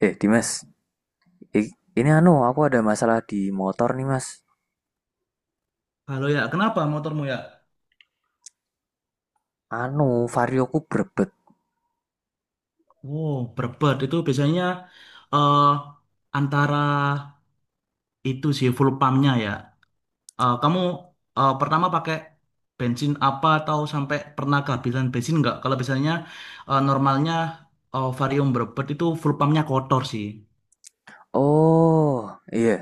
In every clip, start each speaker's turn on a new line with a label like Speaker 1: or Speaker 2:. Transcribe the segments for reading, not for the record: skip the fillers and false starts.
Speaker 1: Dimas, i- ini anu, aku ada masalah di motor nih, Mas.
Speaker 2: Kalau ya, kenapa motormu ya?
Speaker 1: Anu, varioku berbet.
Speaker 2: Wow, berbet itu biasanya eh antara itu sih full pumpnya ya. Kamu pertama pakai bensin apa atau sampai pernah kehabisan bensin nggak? Kalau biasanya normalnya Varium berbet itu full pumpnya kotor sih.
Speaker 1: Oh, iya.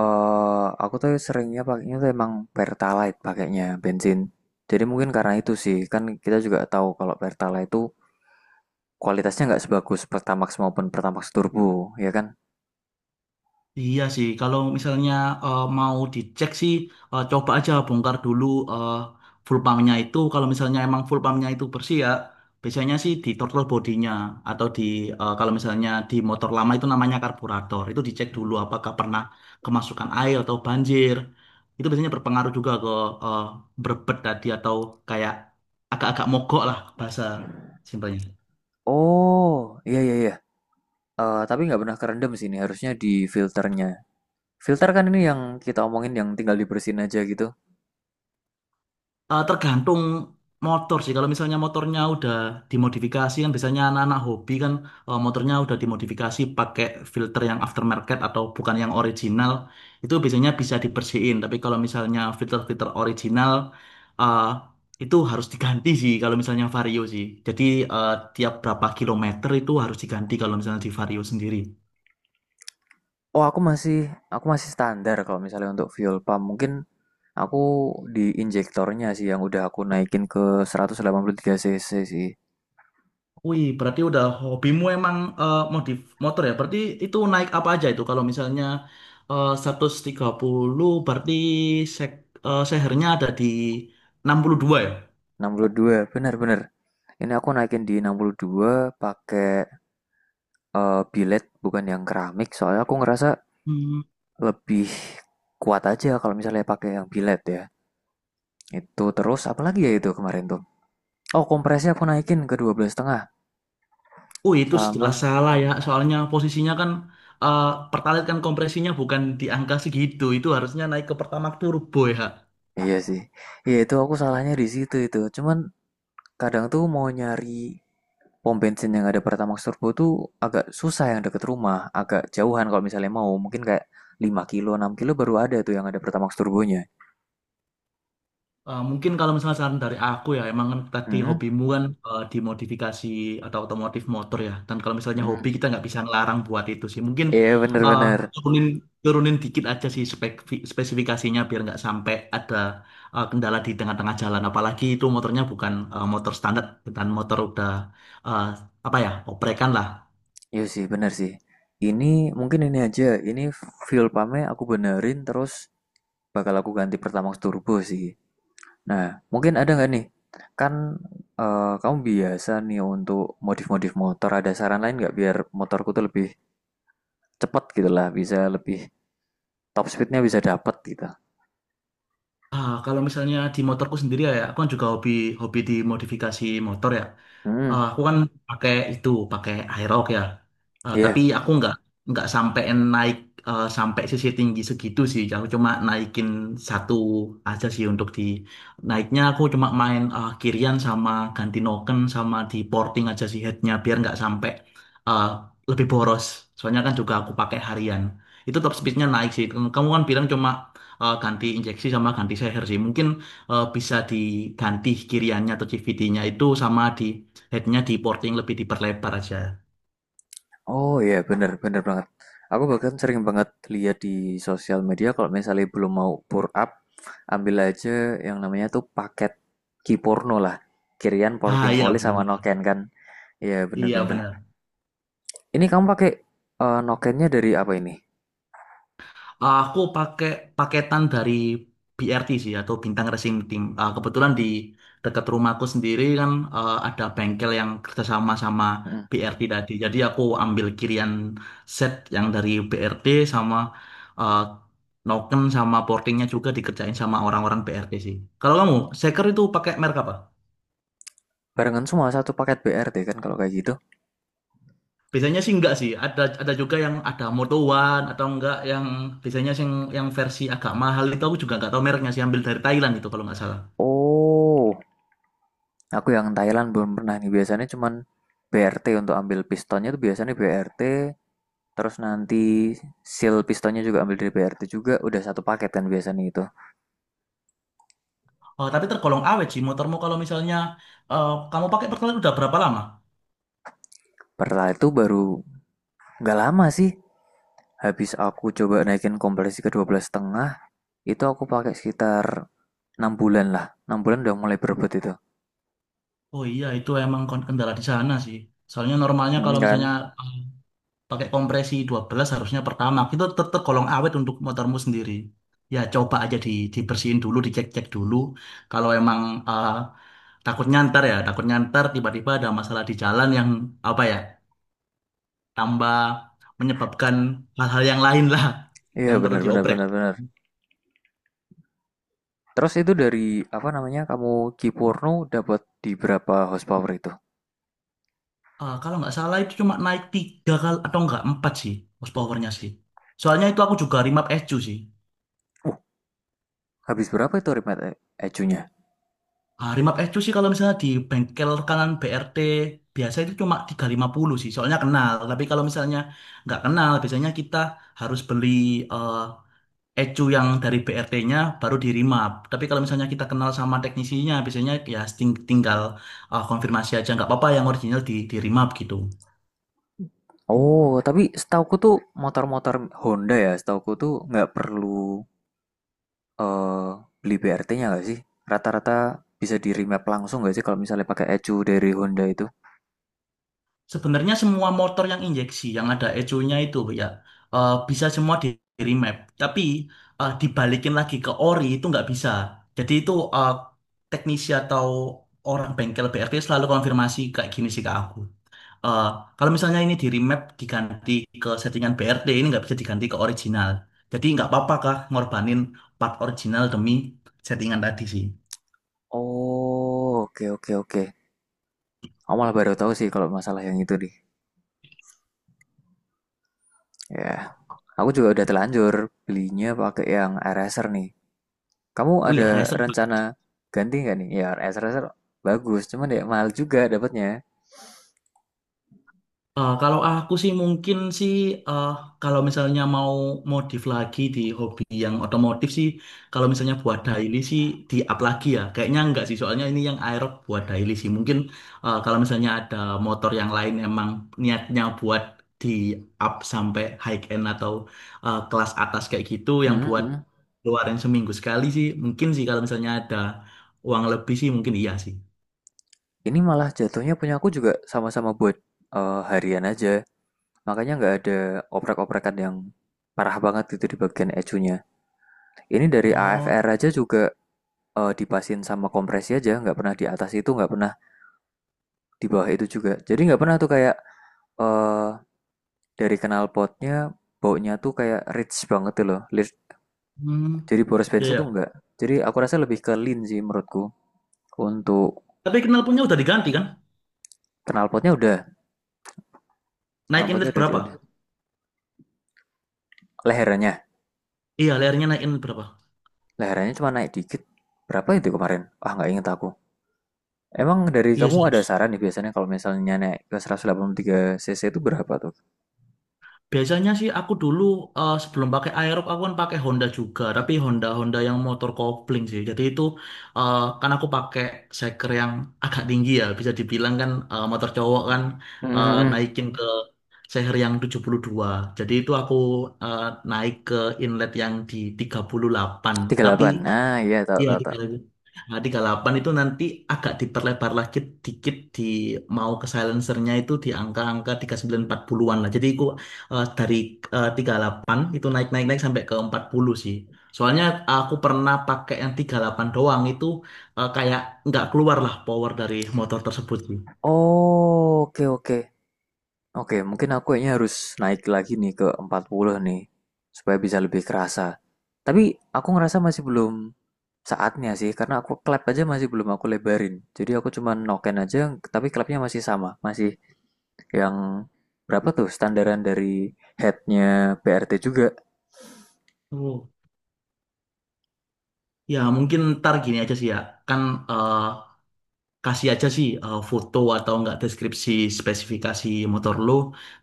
Speaker 1: Aku tuh seringnya pakainya tuh emang Pertalite pakainya bensin. Jadi mungkin karena itu sih, kan kita juga tahu kalau Pertalite itu kualitasnya nggak sebagus Pertamax maupun Pertamax Turbo, ya kan?
Speaker 2: Iya sih, kalau misalnya mau dicek sih, coba aja bongkar dulu eh, full pumpnya itu. Kalau misalnya emang full pumpnya itu bersih ya, biasanya sih di throttle bodinya atau di kalau misalnya di motor lama itu namanya karburator. Itu dicek dulu apakah pernah kemasukan air atau banjir. Itu biasanya berpengaruh juga ke eh, berbet tadi atau kayak agak-agak mogok lah bahasa simpelnya.
Speaker 1: Oh, iya iya iya. Tapi nggak pernah kerendam sih ini, harusnya di filternya. Filter kan ini yang kita omongin yang tinggal dibersihin aja gitu.
Speaker 2: Tergantung motor sih. Kalau misalnya motornya udah dimodifikasi kan biasanya anak-anak hobi kan motornya udah dimodifikasi pakai filter yang aftermarket atau bukan yang original. Itu biasanya bisa dibersihin. Tapi kalau misalnya filter-filter original eh, itu harus diganti sih kalau misalnya Vario sih. Jadi eh, tiap berapa kilometer itu harus diganti kalau misalnya di Vario sendiri.
Speaker 1: Oh, aku masih standar kalau misalnya untuk fuel pump. Mungkin aku di injektornya sih yang udah aku naikin ke 183 cc sih.
Speaker 2: Wih, berarti udah hobimu emang modif motor ya? Berarti itu naik apa aja itu? Kalau misalnya 130, berarti sek, sehernya ada di 62 ya?
Speaker 1: 62, benar-benar. Ini aku naikin di 62 pakai billet bukan yang keramik soalnya aku ngerasa
Speaker 2: Hmm.
Speaker 1: lebih kuat aja kalau misalnya pakai yang billet ya. Itu terus apalagi ya itu kemarin tuh. Oh, kompresnya aku naikin ke 12 setengah
Speaker 2: Oh, itu jelas
Speaker 1: sama.
Speaker 2: salah ya. Soalnya posisinya kan eh, pertalite kan kompresinya bukan di angka segitu. Itu harusnya naik ke pertamax turbo ya.
Speaker 1: Iya sih. Iya itu aku salahnya di situ itu. Cuman kadang tuh mau nyari pom bensin yang ada Pertamax Turbo tuh agak susah yang deket rumah, agak jauhan kalau misalnya mau. Mungkin kayak 5 kilo, 6 kilo baru ada tuh yang ada Pertamax Turbonya.
Speaker 2: Mungkin kalau misalnya saran dari aku ya, emang kan tadi
Speaker 1: Hmm?
Speaker 2: hobimu kan di modifikasi atau otomotif motor ya. Dan kalau misalnya
Speaker 1: Hmm.
Speaker 2: hobi kita nggak bisa ngelarang buat itu sih. Mungkin
Speaker 1: Iya
Speaker 2: eh,
Speaker 1: bener-bener.
Speaker 2: turunin turunin dikit aja sih spesifikasinya biar nggak sampai ada kendala di tengah-tengah jalan. Apalagi itu motornya bukan motor standar, bukan motor udah eh, apa ya oprekan lah.
Speaker 1: Iya sih, bener sih. Ini mungkin ini aja, ini fuel pumpnya aku benerin terus bakal aku ganti Pertamax Turbo sih. Nah, mungkin ada nggak nih? Kan kamu biasa nih untuk modif-modif motor, ada saran lain nggak biar motorku tuh lebih cepat gitu lah, bisa lebih top speednya bisa dapat gitu.
Speaker 2: Ah, kalau misalnya di motorku sendiri ya, ya, aku kan juga hobi hobi di modifikasi motor ya.
Speaker 1: Hmm,
Speaker 2: Aku kan pakai itu, pakai Aerox ya.
Speaker 1: iya. Yeah.
Speaker 2: Tapi aku nggak sampein naik sampai sisi tinggi segitu sih. Aku cuma naikin satu aja sih untuk di naiknya. Aku cuma main kirian sama ganti noken sama di porting aja sih headnya biar nggak sampai eh, lebih boros. Soalnya kan juga aku pakai harian. Itu top speednya naik sih. Kamu kan bilang cuma ganti injeksi sama ganti seher sih. Mungkin bisa diganti kiriannya atau CVD-nya itu sama di headnya di porting lebih diperlebar aja.
Speaker 1: Oh iya, yeah, bener, bener banget. Aku bahkan sering banget lihat di sosial media kalau misalnya belum mau pour up, ambil aja yang namanya tuh paket kiporno lah. Kirian
Speaker 2: Ah,
Speaker 1: Porting
Speaker 2: iya
Speaker 1: Polis sama
Speaker 2: benar.
Speaker 1: Noken kan. Iya, yeah,
Speaker 2: Iya
Speaker 1: bener-bener.
Speaker 2: benar.
Speaker 1: Ini kamu pakai Nokennya dari apa ini?
Speaker 2: Aku pakai paketan dari BRT sih atau Bintang Racing Team. Ah, kebetulan di dekat rumahku sendiri kan ada bengkel yang kerjasama sama
Speaker 1: Hmm.
Speaker 2: BRT tadi. Jadi aku ambil kirian set yang dari BRT sama eh, noken sama portingnya juga dikerjain sama orang-orang BRT sih. Kalau kamu, seker itu pakai merek apa?
Speaker 1: Barengan semua satu paket BRT kan kalau kayak gitu.
Speaker 2: Biasanya sih enggak sih. Ada juga yang ada motowan atau enggak yang biasanya sih yang versi agak mahal itu aku juga enggak tahu mereknya sih, ambil dari Thailand itu kalau nggak salah.
Speaker 1: Oh, aku yang Thailand belum pernah nih. Biasanya cuman BRT untuk ambil pistonnya tuh biasanya BRT. Terus nanti seal pistonnya juga ambil dari BRT juga. Udah satu paket kan biasanya itu.
Speaker 2: Oh, tapi tergolong awet sih motormu, kalau misalnya kamu pakai pertalite udah berapa lama?
Speaker 1: Setelah itu baru nggak lama sih. Habis aku coba naikin kompresi ke 12 setengah, itu aku pakai sekitar 6 bulan lah. 6 bulan udah mulai berebut itu.
Speaker 2: Oh iya, itu emang kendala di sana sih. Soalnya normalnya
Speaker 1: Mm,
Speaker 2: kalau
Speaker 1: kan?
Speaker 2: misalnya pakai kompresi 12 harusnya pertama itu tergolong awet untuk motormu sendiri. Ya, coba aja di dibersihin dulu, dicek-cek dulu kalau emang eh, takutnya ntar, ya takutnya ntar tiba-tiba ada masalah di jalan yang apa ya tambah menyebabkan hal-hal yang lain lah
Speaker 1: Iya
Speaker 2: yang perlu
Speaker 1: bener bener
Speaker 2: diobrek.
Speaker 1: bener bener. Terus itu dari apa namanya kamu Kipurno dapat di berapa horsepower itu?
Speaker 2: Kalau nggak salah itu cuma naik tiga kali atau nggak empat sih horsepower-nya sih, soalnya itu aku juga remap SU sih.
Speaker 1: Uh, Habis berapa itu ecunya?
Speaker 2: Ah, Rimap Ecu sih kalau misalnya di bengkel kanan BRT biasa itu cuma 350 sih, soalnya kenal. Tapi kalau misalnya nggak kenal, biasanya kita harus beli eh, Ecu yang dari BRT-nya baru di Rimap. Tapi kalau misalnya kita kenal sama teknisinya, biasanya ya tinggal konfirmasi aja nggak apa-apa yang original di Rimap gitu.
Speaker 1: Oh, tapi setauku tuh motor-motor Honda ya, setauku tuh nggak perlu eh, beli BRT-nya nggak sih? Rata-rata bisa di remap langsung nggak sih kalau misalnya pakai ecu dari Honda itu?
Speaker 2: Sebenarnya semua motor yang injeksi yang ada ecunya itu ya bisa semua di remap. Tapi dibalikin lagi ke ori itu nggak bisa. Jadi itu teknisi atau orang bengkel BRT selalu konfirmasi kayak gini sih ke aku. Eh, Kalau misalnya ini di remap diganti ke settingan BRT ini nggak bisa diganti ke original. Jadi nggak apa-apa kah ngorbanin part original demi settingan tadi sih.
Speaker 1: Oh, oke oke oke. Aku malah baru tahu sih kalau masalah yang itu nih. Ya, aku juga udah telanjur belinya pakai yang RSR nih. Kamu
Speaker 2: Wih ya.
Speaker 1: ada rencana ganti nggak nih? Ya, RSR bagus, cuman ya mahal juga dapatnya.
Speaker 2: Kalau aku sih mungkin sih eh, kalau misalnya mau modif lagi di hobi yang otomotif sih, kalau misalnya buat daily sih di up lagi ya kayaknya enggak sih, soalnya ini yang aerob buat daily sih. Mungkin kalau misalnya ada motor yang lain emang niatnya buat di up sampai high end atau kelas atas kayak gitu yang
Speaker 1: Hmm.
Speaker 2: buat
Speaker 1: Hmm.
Speaker 2: keluarin seminggu sekali sih, mungkin sih kalau misalnya ada uang lebih sih mungkin iya sih.
Speaker 1: Ini malah jatuhnya punya aku juga sama-sama buat harian aja. Makanya nggak ada oprek-oprekan yang parah banget gitu di bagian ecunya. Ini dari
Speaker 2: Oh,
Speaker 1: AFR aja juga dipasin sama kompresi aja, nggak pernah di atas itu, nggak pernah di bawah itu juga. Jadi nggak pernah tuh kayak eh dari knalpotnya baunya tuh kayak rich banget tuh loh.
Speaker 2: hmm.
Speaker 1: Jadi boros
Speaker 2: Ya,
Speaker 1: bensin tuh
Speaker 2: ya.
Speaker 1: nggak. Jadi aku rasa lebih ke lean sih menurutku. Untuk
Speaker 2: Tapi knalpotnya udah diganti kan?
Speaker 1: knalpotnya udah,
Speaker 2: Naik
Speaker 1: knalpotnya
Speaker 2: inlet
Speaker 1: udah
Speaker 2: berapa?
Speaker 1: udah lehernya.
Speaker 2: Iya, layarnya naik inlet berapa?
Speaker 1: Lehernya cuma naik dikit. Berapa itu kemarin? Ah, nggak inget aku. Emang dari
Speaker 2: Iya
Speaker 1: kamu
Speaker 2: sih.
Speaker 1: ada
Speaker 2: Terus,
Speaker 1: saran nih biasanya kalau misalnya naik ke 183 cc itu berapa tuh?
Speaker 2: biasanya sih aku dulu sebelum pakai Aerox aku kan pakai Honda juga, tapi Honda Honda yang motor kopling sih. Jadi itu kan aku pakai seker yang agak tinggi ya, bisa dibilang kan motor cowok kan
Speaker 1: Hmm,
Speaker 2: naikin ke seher yang 72. Jadi itu aku eh, naik ke inlet yang di 38.
Speaker 1: tiga puluh
Speaker 2: Tapi
Speaker 1: delapan. Nah, iya tahu
Speaker 2: iya,
Speaker 1: tahu
Speaker 2: di
Speaker 1: tahu.
Speaker 2: Kalapan. Nah, di Kalapan itu nanti agak diperlebar lagi dikit di mau ke silencernya itu di angka-angka 3940-an lah. Jadi aku dari 38 itu naik-naik naik sampai ke 40 sih. Soalnya aku pernah pakai yang 38 doang itu kayak nggak keluar lah power dari motor tersebut sih.
Speaker 1: Oh, oke oke. Oke, mungkin aku kayaknya harus naik lagi nih ke 40 nih supaya bisa lebih kerasa. Tapi aku ngerasa masih belum saatnya sih karena aku klep aja masih belum aku lebarin. Jadi aku cuma noken aja tapi klepnya masih sama, yang berapa tuh standaran dari headnya BRT juga?
Speaker 2: Oh. Ya mungkin ntar gini aja sih ya. Kan eh, kasih aja sih foto atau enggak deskripsi spesifikasi motor lu.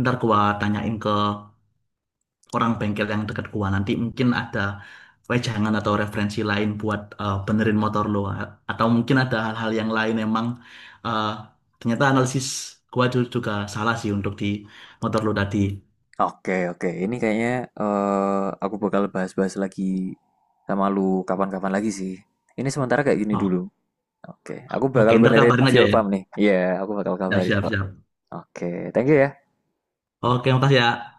Speaker 2: Ntar gua tanyain ke orang bengkel yang dekat gua, nanti mungkin ada wejangan atau referensi lain buat benerin motor lo, atau mungkin ada hal-hal yang lain emang eh, ternyata analisis gua juga salah sih untuk di motor lo tadi.
Speaker 1: Oke, oke. Ini kayaknya aku bakal bahas-bahas lagi sama lu kapan-kapan lagi sih. Ini sementara kayak gini dulu.
Speaker 2: Oh,
Speaker 1: Oke, aku
Speaker 2: oke,
Speaker 1: bakal
Speaker 2: ntar
Speaker 1: benerin
Speaker 2: kabarin aja
Speaker 1: fuel
Speaker 2: ya.
Speaker 1: pump nih. Iya, aku bakal
Speaker 2: Siap,
Speaker 1: kabarin
Speaker 2: siap,
Speaker 1: kok.
Speaker 2: siap.
Speaker 1: Oke, thank you ya.
Speaker 2: Oke, makasih ya.